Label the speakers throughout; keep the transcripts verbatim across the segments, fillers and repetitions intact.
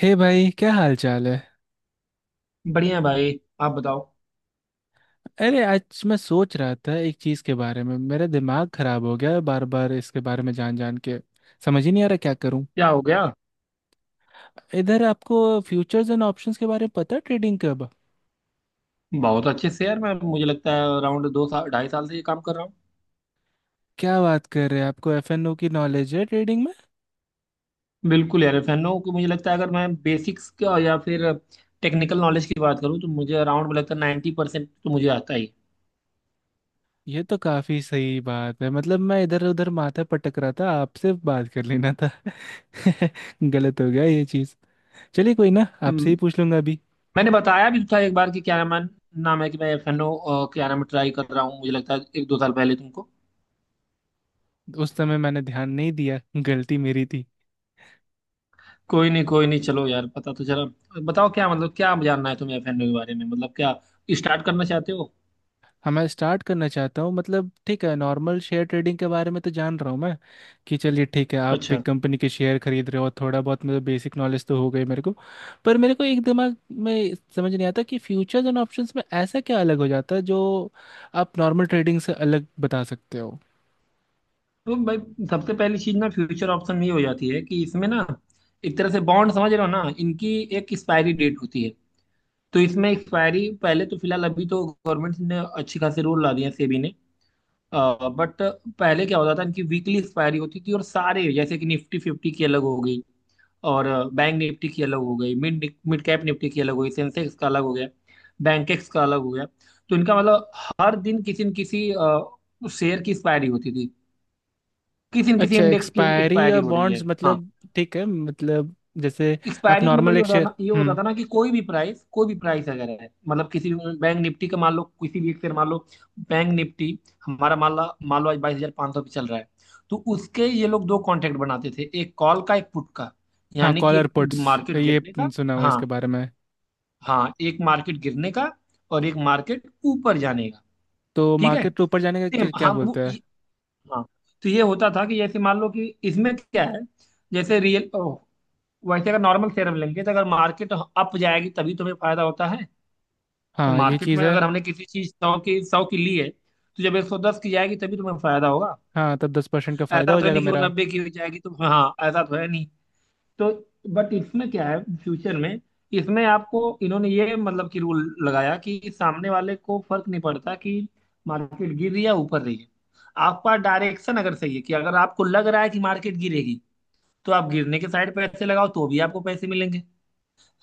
Speaker 1: हे भाई, क्या हाल चाल है।
Speaker 2: बढ़िया है भाई। आप बताओ।
Speaker 1: अरे आज मैं सोच रहा था एक चीज़ के बारे में, मेरा दिमाग खराब हो गया है बार बार इसके बारे में जान जान के। समझ ही नहीं आ रहा क्या करूं।
Speaker 2: क्या हो गया।
Speaker 1: इधर आपको फ्यूचर्स एंड ऑप्शंस के बारे में पता है ट्रेडिंग कब?
Speaker 2: बहुत अच्छे से यार, मैं मुझे लगता है अराउंड दो साल ढाई साल से ये काम कर रहा हूँ।
Speaker 1: क्या बात कर रहे हैं, आपको एफ एन ओ की नॉलेज है ट्रेडिंग में?
Speaker 2: बिल्कुल यार, फैन हूँ कि मुझे लगता है अगर मैं बेसिक्स का या फिर टेक्निकल नॉलेज की बात करूँ तो मुझे अराउंड मुझे लगता है नाइन्टी परसेंट तो मुझे आता ही है।
Speaker 1: ये तो काफ़ी सही बात है, मतलब मैं इधर उधर माथा पटक रहा था, आपसे बात कर लेना था। गलत हो गया ये चीज़। चलिए कोई ना, आपसे ही
Speaker 2: हम्म।
Speaker 1: पूछ लूंगा अभी।
Speaker 2: मैंने बताया भी था एक बार कि क्या नाम है, नाम है कि मैं फैन हूँ, क्या नाम है, ट्राई कर रहा हूँ मुझे लगता है एक दो साल पहले तुमको।
Speaker 1: उस समय मैंने ध्यान नहीं दिया, गलती मेरी।
Speaker 2: कोई नहीं कोई नहीं, चलो यार, पता तो चला। बताओ क्या मतलब, क्या जानना है तुम्हें फैन के बारे में, मतलब क्या स्टार्ट करना चाहते हो।
Speaker 1: हाँ मैं स्टार्ट करना चाहता हूँ, मतलब ठीक है, नॉर्मल शेयर ट्रेडिंग के बारे में तो जान रहा हूँ मैं कि चलिए ठीक है आप
Speaker 2: अच्छा।
Speaker 1: एक कंपनी के शेयर खरीद रहे हो, थोड़ा बहुत मतलब बेसिक नॉलेज तो हो गई मेरे को। पर मेरे को एक दिमाग में समझ नहीं आता कि फ्यूचर्स एंड ऑप्शंस में ऐसा क्या अलग हो जाता है जो आप नॉर्मल ट्रेडिंग से अलग बता सकते हो।
Speaker 2: तो भाई, सबसे पहली चीज ना, फ्यूचर ऑप्शन, ये हो जाती है कि इसमें ना एक तरह से बॉन्ड समझ रहे हो ना, इनकी एक एक्सपायरी डेट होती है। तो इसमें एक्सपायरी पहले तो, फिलहाल अभी तो गवर्नमेंट ने अच्छी खासी रूल ला दिए, सेबी ने। बट पहले क्या होता था, इनकी वीकली एक्सपायरी होती थी, और सारे जैसे कि निफ्टी फिफ्टी की अलग हो गई, और बैंक निफ्टी की अलग हो गई, मिड मिड कैप निफ्टी की अलग हो गई, सेंसेक्स का अलग हो गया, बैंकेक्स का अलग हो गया। तो इनका मतलब हर दिन किसी न किसी शेयर की एक्सपायरी होती थी, किसी न किसी
Speaker 1: अच्छा,
Speaker 2: इंडेक्स की
Speaker 1: एक्सपायरी
Speaker 2: एक्सपायरी
Speaker 1: और
Speaker 2: हो रही है।
Speaker 1: बॉन्ड्स,
Speaker 2: हाँ।
Speaker 1: मतलब ठीक है मतलब, जैसे। आप
Speaker 2: एक्सपायरी का मतलब
Speaker 1: नॉर्मल
Speaker 2: ये
Speaker 1: एक
Speaker 2: होता
Speaker 1: शेयर,
Speaker 2: ना, ये होता
Speaker 1: हम्म।
Speaker 2: था ना, कि कोई भी प्राइस कोई भी प्राइस अगर है, मतलब किसी भी बैंक निफ्टी का मान लो, किसी भी एक शेयर मान लो। बैंक निफ्टी हमारा मान लो मान लो आज बाईस हजार पाँच सौ पे चल रहा है। तो उसके ये लोग दो कॉन्ट्रैक्ट बनाते थे, एक कॉल का एक पुट का।
Speaker 1: हाँ
Speaker 2: यानी कि
Speaker 1: कॉलर
Speaker 2: एक
Speaker 1: पुट्स,
Speaker 2: मार्केट, हाँ,
Speaker 1: ये
Speaker 2: गिरने का।
Speaker 1: सुना हुआ है
Speaker 2: हाँ।
Speaker 1: इसके बारे में।
Speaker 2: हाँ, एक मार्केट गिरने का, और एक मार्केट ऊपर जाने का।
Speaker 1: तो
Speaker 2: ठीक है।
Speaker 1: मार्केट ऊपर जाने का क्या
Speaker 2: सेम,
Speaker 1: क्या
Speaker 2: हाँ,
Speaker 1: बोलते
Speaker 2: वो
Speaker 1: हैं?
Speaker 2: ये- हाँ। तो ये होता था कि जैसे मान लो कि इसमें क्या है, जैसे रियल, वैसे अगर नॉर्मल शेयर हम लेंगे तो अगर मार्केट अप जाएगी तभी तुम्हें फायदा होता है। तो
Speaker 1: हाँ ये
Speaker 2: मार्केट
Speaker 1: चीज़
Speaker 2: में
Speaker 1: है।
Speaker 2: अगर हमने किसी चीज सौ की सौ की ली है, तो जब एक सौ दस की जाएगी तभी तुम्हें फायदा होगा।
Speaker 1: हाँ, तब दस परसेंट का फायदा
Speaker 2: ऐसा
Speaker 1: हो
Speaker 2: तो है
Speaker 1: जाएगा
Speaker 2: नहीं कि वो
Speaker 1: मेरा।
Speaker 2: नब्बे की भी जाएगी तो, हाँ, ऐसा तो है नहीं। तो बट इसमें क्या है फ्यूचर में, इसमें आपको इन्होंने ये मतलब कि रूल लगाया कि सामने वाले को फर्क नहीं पड़ता कि मार्केट गिर रही है या ऊपर रही है। आपका डायरेक्शन अगर सही है, कि अगर आपको लग रहा है कि मार्केट गिरेगी, तो आप गिरने के साइड पैसे लगाओ तो भी आपको पैसे मिलेंगे।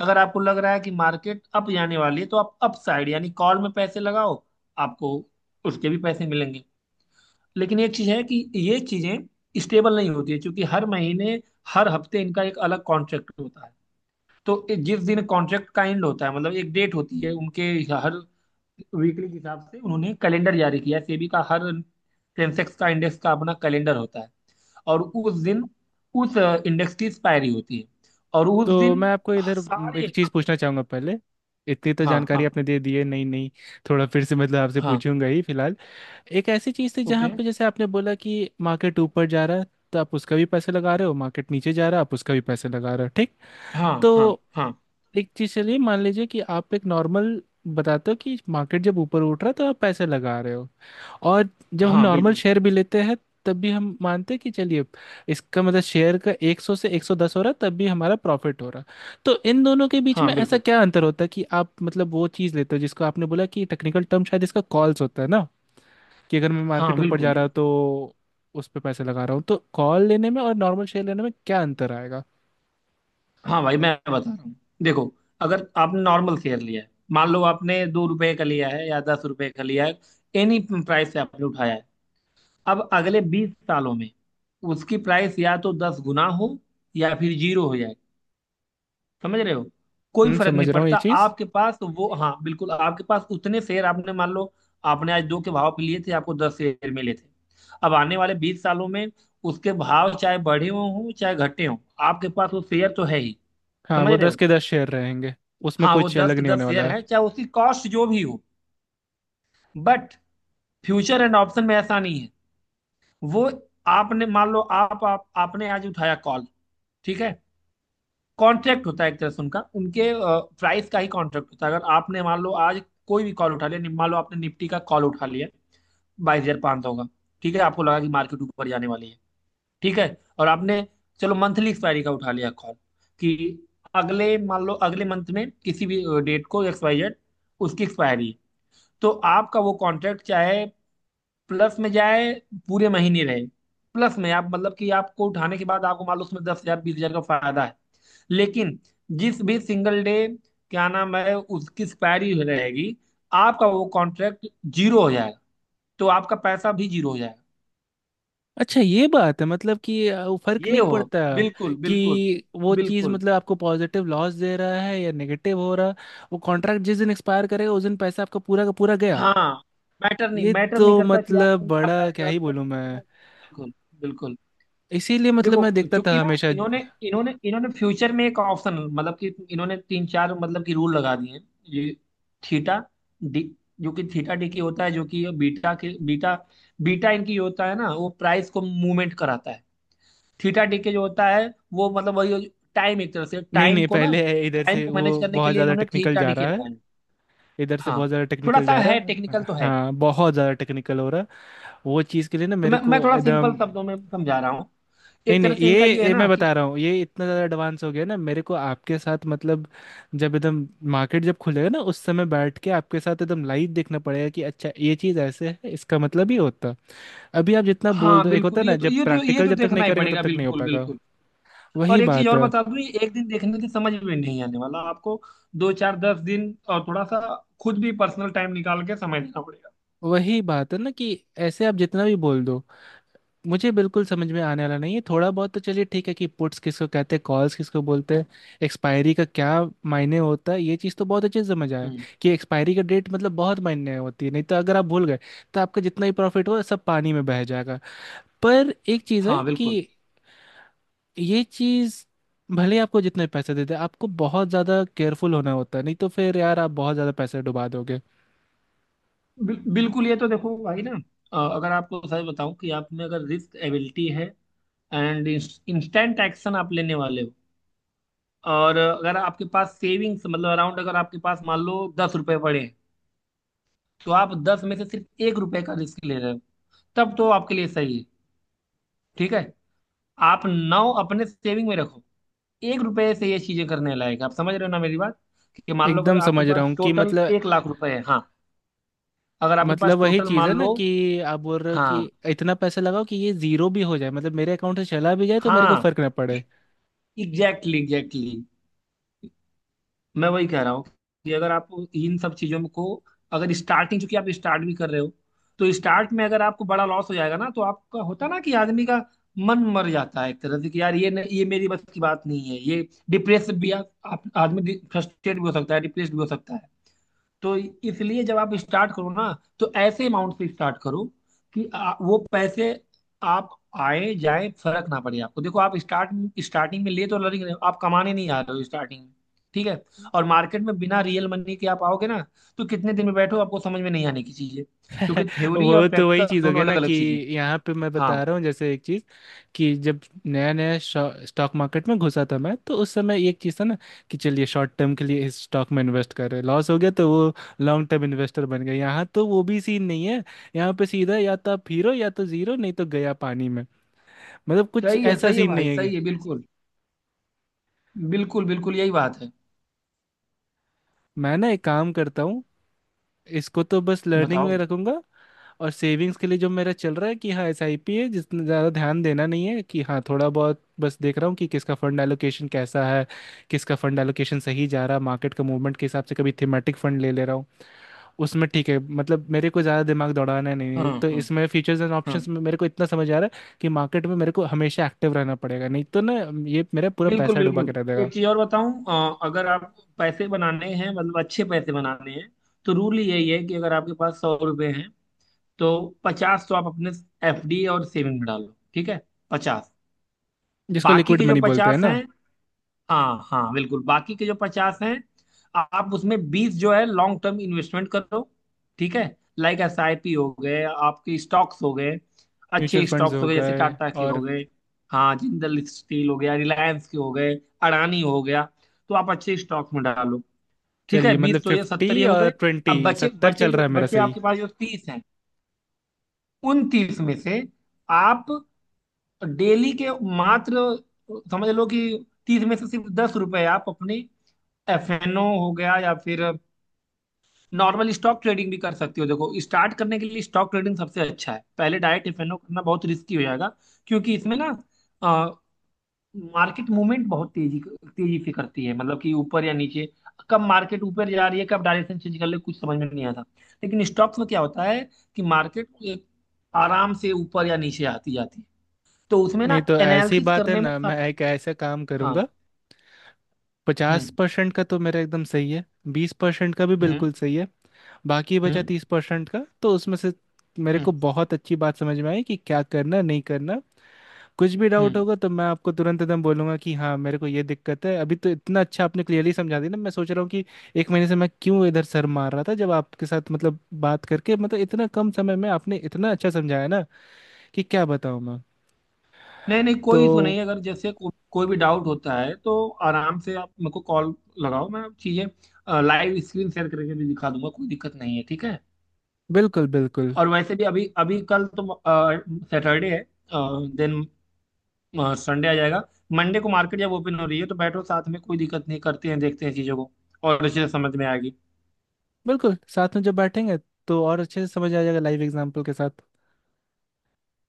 Speaker 2: अगर आपको लग रहा है कि मार्केट अप जाने वाली है तो आप अप साइड यानी कॉल में पैसे लगाओ, आपको उसके भी पैसे मिलेंगे। लेकिन एक चीज है कि ये चीजें स्टेबल नहीं होती है, क्योंकि हर महीने हर हफ्ते इनका एक अलग कॉन्ट्रैक्ट होता है। तो ए- जिस दिन कॉन्ट्रैक्ट का एंड होता है, मतलब एक डेट होती है उनके, हर वीकली के हिसाब से उन्होंने कैलेंडर जारी किया है सेबी का, हर सेंसेक्स का इंडेक्स का अपना कैलेंडर होता है। और उस दिन उस इंडेक्स की एक्सपायरी होती है। और उस
Speaker 1: तो मैं
Speaker 2: दिन
Speaker 1: आपको इधर म,
Speaker 2: सारे।
Speaker 1: एक चीज़ पूछना चाहूँगा पहले। इतनी तो
Speaker 2: हाँ
Speaker 1: जानकारी
Speaker 2: हाँ
Speaker 1: आपने दे दी है, नहीं नहीं, थोड़ा फिर से मतलब आपसे
Speaker 2: हाँ।
Speaker 1: पूछूंगा ही फिलहाल। एक ऐसी चीज़ थी जहाँ
Speaker 2: ओके।
Speaker 1: पे जैसे आपने बोला कि मार्केट ऊपर जा रहा है तो आप उसका भी पैसे लगा रहे हो, मार्केट नीचे जा रहा है आप उसका भी पैसे लगा रहे हो, ठीक।
Speaker 2: हाँ हाँ
Speaker 1: तो
Speaker 2: हाँ
Speaker 1: एक चीज़ चलिए मान लीजिए कि आप एक नॉर्मल बताते हो कि मार्केट जब ऊपर उठ रहा है तो आप पैसे लगा रहे हो, और जब हम
Speaker 2: हाँ,
Speaker 1: नॉर्मल
Speaker 2: बिल्कुल।
Speaker 1: शेयर भी लेते हैं तब भी हम मानते हैं कि चलिए इसका मतलब शेयर का सौ से एक सौ दस हो रहा तब भी हमारा प्रॉफिट हो रहा। तो इन दोनों के बीच में
Speaker 2: हाँ
Speaker 1: ऐसा
Speaker 2: बिल्कुल।
Speaker 1: क्या अंतर होता है कि आप मतलब वो चीज़ लेते हो जिसको आपने बोला कि टेक्निकल टर्म शायद इसका कॉल्स होता है ना, कि अगर मैं
Speaker 2: हाँ
Speaker 1: मार्केट ऊपर
Speaker 2: बिल्कुल
Speaker 1: जा रहा हूं
Speaker 2: बिल्कुल।
Speaker 1: तो उस पर पैसे लगा रहा हूँ, तो कॉल लेने में और नॉर्मल शेयर लेने में क्या अंतर आएगा?
Speaker 2: हाँ भाई, मैं बता रहा हूँ। देखो, अगर आपने नॉर्मल शेयर लिया है, मान लो आपने दो रुपए का लिया है या दस रुपए का लिया है, एनी प्राइस से आपने उठाया है। अब अगले बीस सालों में उसकी प्राइस या तो दस गुना हो, या फिर जीरो हो जाए। समझ रहे हो, कोई
Speaker 1: हम्म,
Speaker 2: फर्क
Speaker 1: समझ
Speaker 2: नहीं
Speaker 1: रहा हूँ ये
Speaker 2: पड़ता,
Speaker 1: चीज़।
Speaker 2: आपके पास वो, हाँ बिल्कुल, आपके पास उतने शेयर। आपने मान लो आपने आज दो के भाव पे लिए थे, आपको दस शेयर मिले थे। अब आने वाले बीस सालों में उसके भाव चाहे बढ़े हों हों, चाहे घटे हों, आपके पास वो शेयर तो है ही।
Speaker 1: हाँ
Speaker 2: समझ
Speaker 1: वो
Speaker 2: रहे
Speaker 1: दस
Speaker 2: हो,
Speaker 1: के दस शेयर रहेंगे, उसमें
Speaker 2: हाँ, वो
Speaker 1: कुछ
Speaker 2: दस
Speaker 1: अलग
Speaker 2: के
Speaker 1: नहीं होने
Speaker 2: दस शेयर
Speaker 1: वाला।
Speaker 2: है चाहे उसकी कॉस्ट जो भी हो। बट फ्यूचर एंड ऑप्शन में ऐसा नहीं है। वो आपने मान लो आप, आप आपने आज उठाया कॉल। ठीक है। कॉन्ट्रैक्ट होता है एक तरह से, उनका उनके प्राइस का ही कॉन्ट्रैक्ट होता है। अगर आपने मान लो आज कोई भी कॉल उठा लिया, नि- मान लो आपने निफ्टी का कॉल उठा लिया बाईस हजार पाँच सौ का। ठीक है, आपको लगा कि मार्केट ऊपर जाने वाली है। ठीक है, और आपने चलो मंथली एक्सपायरी का उठा लिया कॉल, कि अगले मान लो अगले मंथ में किसी भी डेट को, एक्स वाई जेड, उसकी एक्सपायरी है। तो आपका वो कॉन्ट्रैक्ट चाहे प्लस में जाए, पूरे महीने रहे प्लस में, आप मतलब कि आपको उठाने के बाद आपको मालूम उसमें दस हजार बीस हजार का फायदा है। लेकिन जिस भी सिंगल डे, क्या नाम है, उसकी एक्सपायरी रहेगी, आपका वो कॉन्ट्रैक्ट जीरो हो जाएगा, तो आपका पैसा भी जीरो हो जाएगा।
Speaker 1: अच्छा ये बात है, मतलब कि अ, वो फर्क
Speaker 2: ये
Speaker 1: नहीं
Speaker 2: हो।
Speaker 1: पड़ता
Speaker 2: बिल्कुल बिल्कुल
Speaker 1: कि वो चीज़
Speaker 2: बिल्कुल।
Speaker 1: मतलब आपको पॉजिटिव लॉस दे रहा है या नेगेटिव हो रहा, वो कॉन्ट्रैक्ट जिस दिन एक्सपायर करेगा उस दिन पैसा आपका पूरा का पूरा गया।
Speaker 2: हाँ, मैटर नहीं
Speaker 1: ये
Speaker 2: मैटर नहीं
Speaker 1: तो
Speaker 2: करता कि
Speaker 1: मतलब
Speaker 2: आप आप
Speaker 1: बड़ा
Speaker 2: पैसे
Speaker 1: क्या
Speaker 2: और
Speaker 1: ही
Speaker 2: कर
Speaker 1: बोलूँ
Speaker 2: रहे
Speaker 1: मैं।
Speaker 2: हो। बिल्कुल बिल्कुल।
Speaker 1: इसीलिए मतलब
Speaker 2: देखो,
Speaker 1: मैं देखता
Speaker 2: चूंकि
Speaker 1: था
Speaker 2: ना
Speaker 1: हमेशा।
Speaker 2: इन्होंने इन्होंने इन्होंने फ्यूचर में एक ऑप्शन, मतलब कि इन्होंने तीन चार मतलब कि रूल लगा दिए हैं। ये थीटा डी, जो कि थीटा डी की होता है, जो कि बीटा के बीटा, बीटा इनकी होता है ना, वो प्राइस को मूवमेंट कराता है। थीटा डी के जो होता है, वो मतलब वही टाइम, एक तरह से
Speaker 1: नहीं
Speaker 2: टाइम
Speaker 1: नहीं,
Speaker 2: को ना,
Speaker 1: पहले, इधर
Speaker 2: टाइम
Speaker 1: से
Speaker 2: को मैनेज
Speaker 1: वो
Speaker 2: करने के
Speaker 1: बहुत
Speaker 2: लिए
Speaker 1: ज़्यादा
Speaker 2: इन्होंने
Speaker 1: टेक्निकल
Speaker 2: थीटा
Speaker 1: जा
Speaker 2: डी के
Speaker 1: रहा है,
Speaker 2: लगाए।
Speaker 1: इधर से
Speaker 2: हाँ
Speaker 1: बहुत ज़्यादा
Speaker 2: थोड़ा
Speaker 1: टेक्निकल
Speaker 2: सा
Speaker 1: जा रहा
Speaker 2: है, टेक्निकल
Speaker 1: है,
Speaker 2: तो है।
Speaker 1: हाँ बहुत ज़्यादा टेक्निकल हो रहा है। वो चीज़ के लिए ना
Speaker 2: तो
Speaker 1: मेरे
Speaker 2: मैं मैं
Speaker 1: को
Speaker 2: थोड़ा
Speaker 1: एकदम,
Speaker 2: सिंपल शब्दों में समझा रहा हूँ।
Speaker 1: नहीं
Speaker 2: एक
Speaker 1: नहीं
Speaker 2: तरह से इनका
Speaker 1: ये,
Speaker 2: ये है
Speaker 1: ये मैं
Speaker 2: ना कि,
Speaker 1: बता रहा हूँ, ये इतना ज़्यादा एडवांस हो गया ना मेरे को आपके साथ मतलब, जब एकदम मार्केट जब खुलेगा ना उस समय बैठ के आपके साथ एकदम लाइव देखना पड़ेगा कि अच्छा ये चीज़ ऐसे है, इसका मतलब ये होता है। अभी आप जितना बोल
Speaker 2: हाँ
Speaker 1: दो, एक होता
Speaker 2: बिल्कुल,
Speaker 1: है ना
Speaker 2: ये तो
Speaker 1: जब
Speaker 2: ये तो ये
Speaker 1: प्रैक्टिकल
Speaker 2: तो
Speaker 1: जब तक नहीं
Speaker 2: देखना ही
Speaker 1: करेंगे तब
Speaker 2: पड़ेगा,
Speaker 1: तक नहीं हो
Speaker 2: बिल्कुल
Speaker 1: पाएगा।
Speaker 2: बिल्कुल। और
Speaker 1: वही
Speaker 2: एक चीज
Speaker 1: बात
Speaker 2: और
Speaker 1: है।
Speaker 2: बता दूं, ये एक दिन देखने से समझ में नहीं आने वाला आपको, दो चार दस दिन, और थोड़ा सा खुद भी पर्सनल टाइम निकाल के समय देना पड़ेगा।
Speaker 1: वही बात है ना कि ऐसे आप जितना भी बोल दो मुझे बिल्कुल समझ में आने वाला नहीं है, थोड़ा बहुत तो चलिए ठीक है कि पुट्स किसको कहते हैं, कॉल्स किसको बोलते हैं, एक्सपायरी का क्या मायने होता है ये चीज़ तो बहुत अच्छे से समझ आया
Speaker 2: हम्म।
Speaker 1: कि एक्सपायरी का डेट मतलब बहुत मायने होती है, नहीं तो अगर आप भूल गए तो आपका जितना ही प्रॉफिट हो सब पानी में बह जाएगा। पर एक चीज़ है
Speaker 2: हाँ
Speaker 1: कि
Speaker 2: बिल्कुल।
Speaker 1: ये चीज़ भले ही आपको जितने पैसे दे दे, आपको बहुत ज़्यादा केयरफुल होना होता है, नहीं तो फिर यार आप बहुत ज़्यादा पैसे डुबा दोगे।
Speaker 2: बिल, बिल्कुल, ये तो देखो भाई ना, अ, अगर आपको सच बताऊं कि आप में अगर रिस्क एबिलिटी है, एंड इंस्टेंट एक्शन आप लेने वाले हो, और अगर आपके पास सेविंग्स मतलब अराउंड, अगर आपके पास मान लो दस रुपए पड़े हैं, तो आप दस में से सिर्फ एक रुपए का रिस्क ले रहे हो, तब तो आपके लिए सही है। ठीक है, आप नौ अपने सेविंग में रखो, एक रुपए से ये चीजें करने लायक है। आप समझ रहे हो ना मेरी बात, कि मान लो अगर
Speaker 1: एकदम
Speaker 2: आपके
Speaker 1: समझ रहा
Speaker 2: पास
Speaker 1: हूँ कि
Speaker 2: टोटल
Speaker 1: मतलब,
Speaker 2: एक लाख रुपए है। हाँ, अगर आपके
Speaker 1: मतलब
Speaker 2: पास
Speaker 1: वही
Speaker 2: टोटल
Speaker 1: चीज़ है
Speaker 2: मान
Speaker 1: ना
Speaker 2: लो,
Speaker 1: कि आप बोल रहे हो कि
Speaker 2: हाँ,
Speaker 1: इतना पैसा लगाओ कि ये जीरो भी हो जाए, मतलब मेरे अकाउंट से चला भी जाए तो मेरे को
Speaker 2: हाँ,
Speaker 1: फर्क ना पड़े।
Speaker 2: कि एग्जैक्टली एग्जैक्टली, मैं वही कह रहा हूँ कि अगर आप इन सब चीजों को, अगर स्टार्टिंग, चूंकि आप स्टार्ट भी कर रहे हो, तो स्टार्ट में अगर आपको बड़ा लॉस हो जाएगा ना, तो आपका होता ना कि आदमी का मन मर जाता है, एक तरह से कि यार ये न, ये मेरी बस की बात नहीं है, ये डिप्रेस भी आप, आप आदमी फ्रस्ट्रेट भी हो सकता है, डिप्रेस भी हो सकता है। तो इसलिए जब आप स्टार्ट करो ना, तो ऐसे अमाउंट से स्टार्ट करो कि आ, वो पैसे आप आए जाए फर्क ना पड़े आपको। देखो आप स्टार्ट, स्टार्टिंग में ले तो लर्निंग रहे हो आप, कमाने नहीं आ रहे हो स्टार्टिंग में। ठीक है, और मार्केट में बिना रियल मनी के आप आओगे ना, तो कितने दिन में बैठो आपको समझ में नहीं आने की चीजें, क्योंकि थ्योरी और
Speaker 1: वो तो वही
Speaker 2: प्रैक्टिकल
Speaker 1: चीज़ हो
Speaker 2: दोनों
Speaker 1: गया
Speaker 2: अलग
Speaker 1: ना कि
Speaker 2: अलग चीजें हैं।
Speaker 1: यहाँ पे मैं
Speaker 2: हाँ
Speaker 1: बता रहा हूँ जैसे एक चीज़ कि जब नया नया स्टॉक मार्केट में घुसा था मैं, तो उस समय एक चीज़ था ना कि चलिए शॉर्ट टर्म के लिए इस स्टॉक में इन्वेस्ट कर रहे हैं, लॉस हो गया तो वो लॉन्ग टर्म इन्वेस्टर बन गए। यहाँ तो वो भी सीन नहीं है, यहाँ पे सीधा या तो आप हीरो या तो जीरो, नहीं तो गया पानी में। मतलब कुछ
Speaker 2: सही है,
Speaker 1: ऐसा
Speaker 2: सही है
Speaker 1: सीन नहीं
Speaker 2: भाई,
Speaker 1: है कि।
Speaker 2: सही है बिल्कुल बिल्कुल बिल्कुल, यही बात है।
Speaker 1: मैं ना एक काम करता हूँ, इसको तो बस लर्निंग
Speaker 2: बताओ
Speaker 1: में
Speaker 2: बताओ।
Speaker 1: रखूंगा। और सेविंग्स के लिए जो मेरा चल रहा है कि हाँ, एस आई पी है जिसने ज़्यादा ध्यान देना नहीं है, कि हाँ थोड़ा बहुत बस देख रहा हूँ कि किसका फंड एलोकेशन कैसा है, किसका फंड एलोकेशन सही जा रहा है मार्केट का मूवमेंट के हिसाब से, कभी थीमेटिक फंड ले ले रहा हूँ उसमें ठीक है, मतलब मेरे को ज़्यादा दिमाग दौड़ाना है नहीं है।
Speaker 2: हाँ
Speaker 1: तो
Speaker 2: हाँ
Speaker 1: इसमें फीचर्स एंड
Speaker 2: हाँ
Speaker 1: ऑप्शंस में मेरे को इतना समझ आ रहा है कि मार्केट में मेरे को हमेशा एक्टिव रहना पड़ेगा, नहीं तो ना ये मेरा पूरा
Speaker 2: बिल्कुल
Speaker 1: पैसा डुबा के
Speaker 2: बिल्कुल।
Speaker 1: रह देगा।
Speaker 2: एक चीज और बताऊं, अ, अगर आप पैसे बनाने हैं, मतलब अच्छे पैसे बनाने हैं, तो रूल यही है कि अगर आपके पास सौ रुपए हैं, तो पचास तो आप अपने ए फ डी और सेविंग में डालो। ठीक है, पचास,
Speaker 1: जिसको
Speaker 2: बाकी
Speaker 1: लिक्विड
Speaker 2: के जो
Speaker 1: मनी बोलते हैं
Speaker 2: पचास
Speaker 1: ना।
Speaker 2: हैं, हाँ हाँ बिल्कुल, बाकी के जो पचास हैं आप उसमें बीस जो है लॉन्ग टर्म इन्वेस्टमेंट कर दो। ठीक है, लाइक एस आई पी हो गए, आपके स्टॉक्स हो गए,
Speaker 1: म्यूचुअल
Speaker 2: अच्छे
Speaker 1: फंड्स
Speaker 2: स्टॉक्स
Speaker 1: हो
Speaker 2: हो गए, जैसे
Speaker 1: गए
Speaker 2: टाटा के हो
Speaker 1: और,
Speaker 2: गए, हाँ, जिंदल स्टील हो गया, रिलायंस के हो गए, अडानी हो गया, तो आप अच्छे स्टॉक्स में डालो। ठीक है,
Speaker 1: चलिए मतलब
Speaker 2: बीस तो, ये सत्तर
Speaker 1: फिफ्टी
Speaker 2: ये हो
Speaker 1: और
Speaker 2: गए।
Speaker 1: ट्वेंटी
Speaker 2: अब बचे
Speaker 1: सत्तर
Speaker 2: बचे
Speaker 1: चल
Speaker 2: जो
Speaker 1: रहा है मेरा,
Speaker 2: बचे
Speaker 1: सही।
Speaker 2: आपके पास जो तीस हैं, उन तीस में से आप डेली के मात्र, समझ लो कि तीस में से सिर्फ दस रुपए आप अपने एफ एन ओ हो गया या फिर नॉर्मल स्टॉक ट्रेडिंग भी कर सकती हो। देखो स्टार्ट करने के लिए स्टॉक ट्रेडिंग सबसे अच्छा है, पहले डायरेक्ट एफ एन ओ करना बहुत रिस्की हो जाएगा, क्योंकि इसमें ना मार्केट मूवमेंट बहुत तेजी तेजी से करती है, मतलब कि ऊपर या नीचे, कब मार्केट ऊपर जा रही है कब डायरेक्शन चेंज कर ले कुछ समझ में नहीं आता। लेकिन स्टॉक्स में क्या होता है कि मार्केट एक आराम से ऊपर या नीचे आती जाती है, तो उसमें ना
Speaker 1: नहीं तो ऐसी
Speaker 2: एनालिसिस
Speaker 1: बात है
Speaker 2: करने में
Speaker 1: ना,
Speaker 2: सब।
Speaker 1: मैं एक ऐसा काम
Speaker 2: हाँ।
Speaker 1: करूंगा, पचास
Speaker 2: हम्म
Speaker 1: परसेंट का तो मेरा एकदम सही है, बीस परसेंट का भी
Speaker 2: हम्म
Speaker 1: बिल्कुल सही है, बाकी बचा
Speaker 2: हम्म
Speaker 1: तीस परसेंट का, तो उसमें से मेरे
Speaker 2: हम्म
Speaker 1: को बहुत अच्छी बात समझ में आई कि क्या करना नहीं करना। कुछ भी डाउट
Speaker 2: हम्म।
Speaker 1: होगा तो मैं आपको तुरंत एकदम बोलूंगा कि हाँ मेरे को ये दिक्कत है। अभी तो इतना अच्छा आपने क्लियरली समझा दिया ना, मैं सोच रहा हूँ कि एक महीने से मैं क्यों इधर सर मार रहा था, जब आपके साथ मतलब बात करके, मतलब इतना कम समय में आपने इतना अच्छा समझाया ना कि क्या बताऊँ मैं।
Speaker 2: नहीं नहीं, कोई इशू
Speaker 1: तो
Speaker 2: नहीं है, अगर जैसे को, कोई भी डाउट होता है तो आराम से आप मेरे को कॉल लगाओ, मैं चीज़ें लाइव स्क्रीन शेयर करके भी दिखा दूंगा, कोई दिक्कत नहीं है। ठीक है,
Speaker 1: बिल्कुल बिल्कुल।
Speaker 2: और वैसे भी अभी अभी कल तो सैटरडे है, देन संडे आ जाएगा, मंडे को मार्केट जब ओपन हो रही है तो बैठो साथ में, कोई दिक्कत नहीं, करते हैं देखते हैं चीज़ों को और अच्छे से समझ में आएगी।
Speaker 1: बिल्कुल साथ में जब बैठेंगे तो और अच्छे से समझ आ जाएगा लाइव एग्जाम्पल के साथ।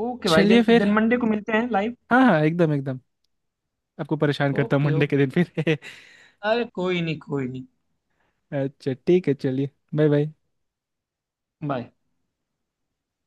Speaker 2: ओके भाई,
Speaker 1: चलिए
Speaker 2: देन
Speaker 1: फिर।
Speaker 2: देन मंडे को मिलते हैं लाइव।
Speaker 1: हाँ हाँ एकदम एकदम, आपको परेशान करता हूँ
Speaker 2: ओके
Speaker 1: मंडे के
Speaker 2: ओके।
Speaker 1: दिन फिर।
Speaker 2: अरे कोई नहीं कोई नहीं।
Speaker 1: अच्छा ठीक है चलिए, बाय बाय।
Speaker 2: बाय।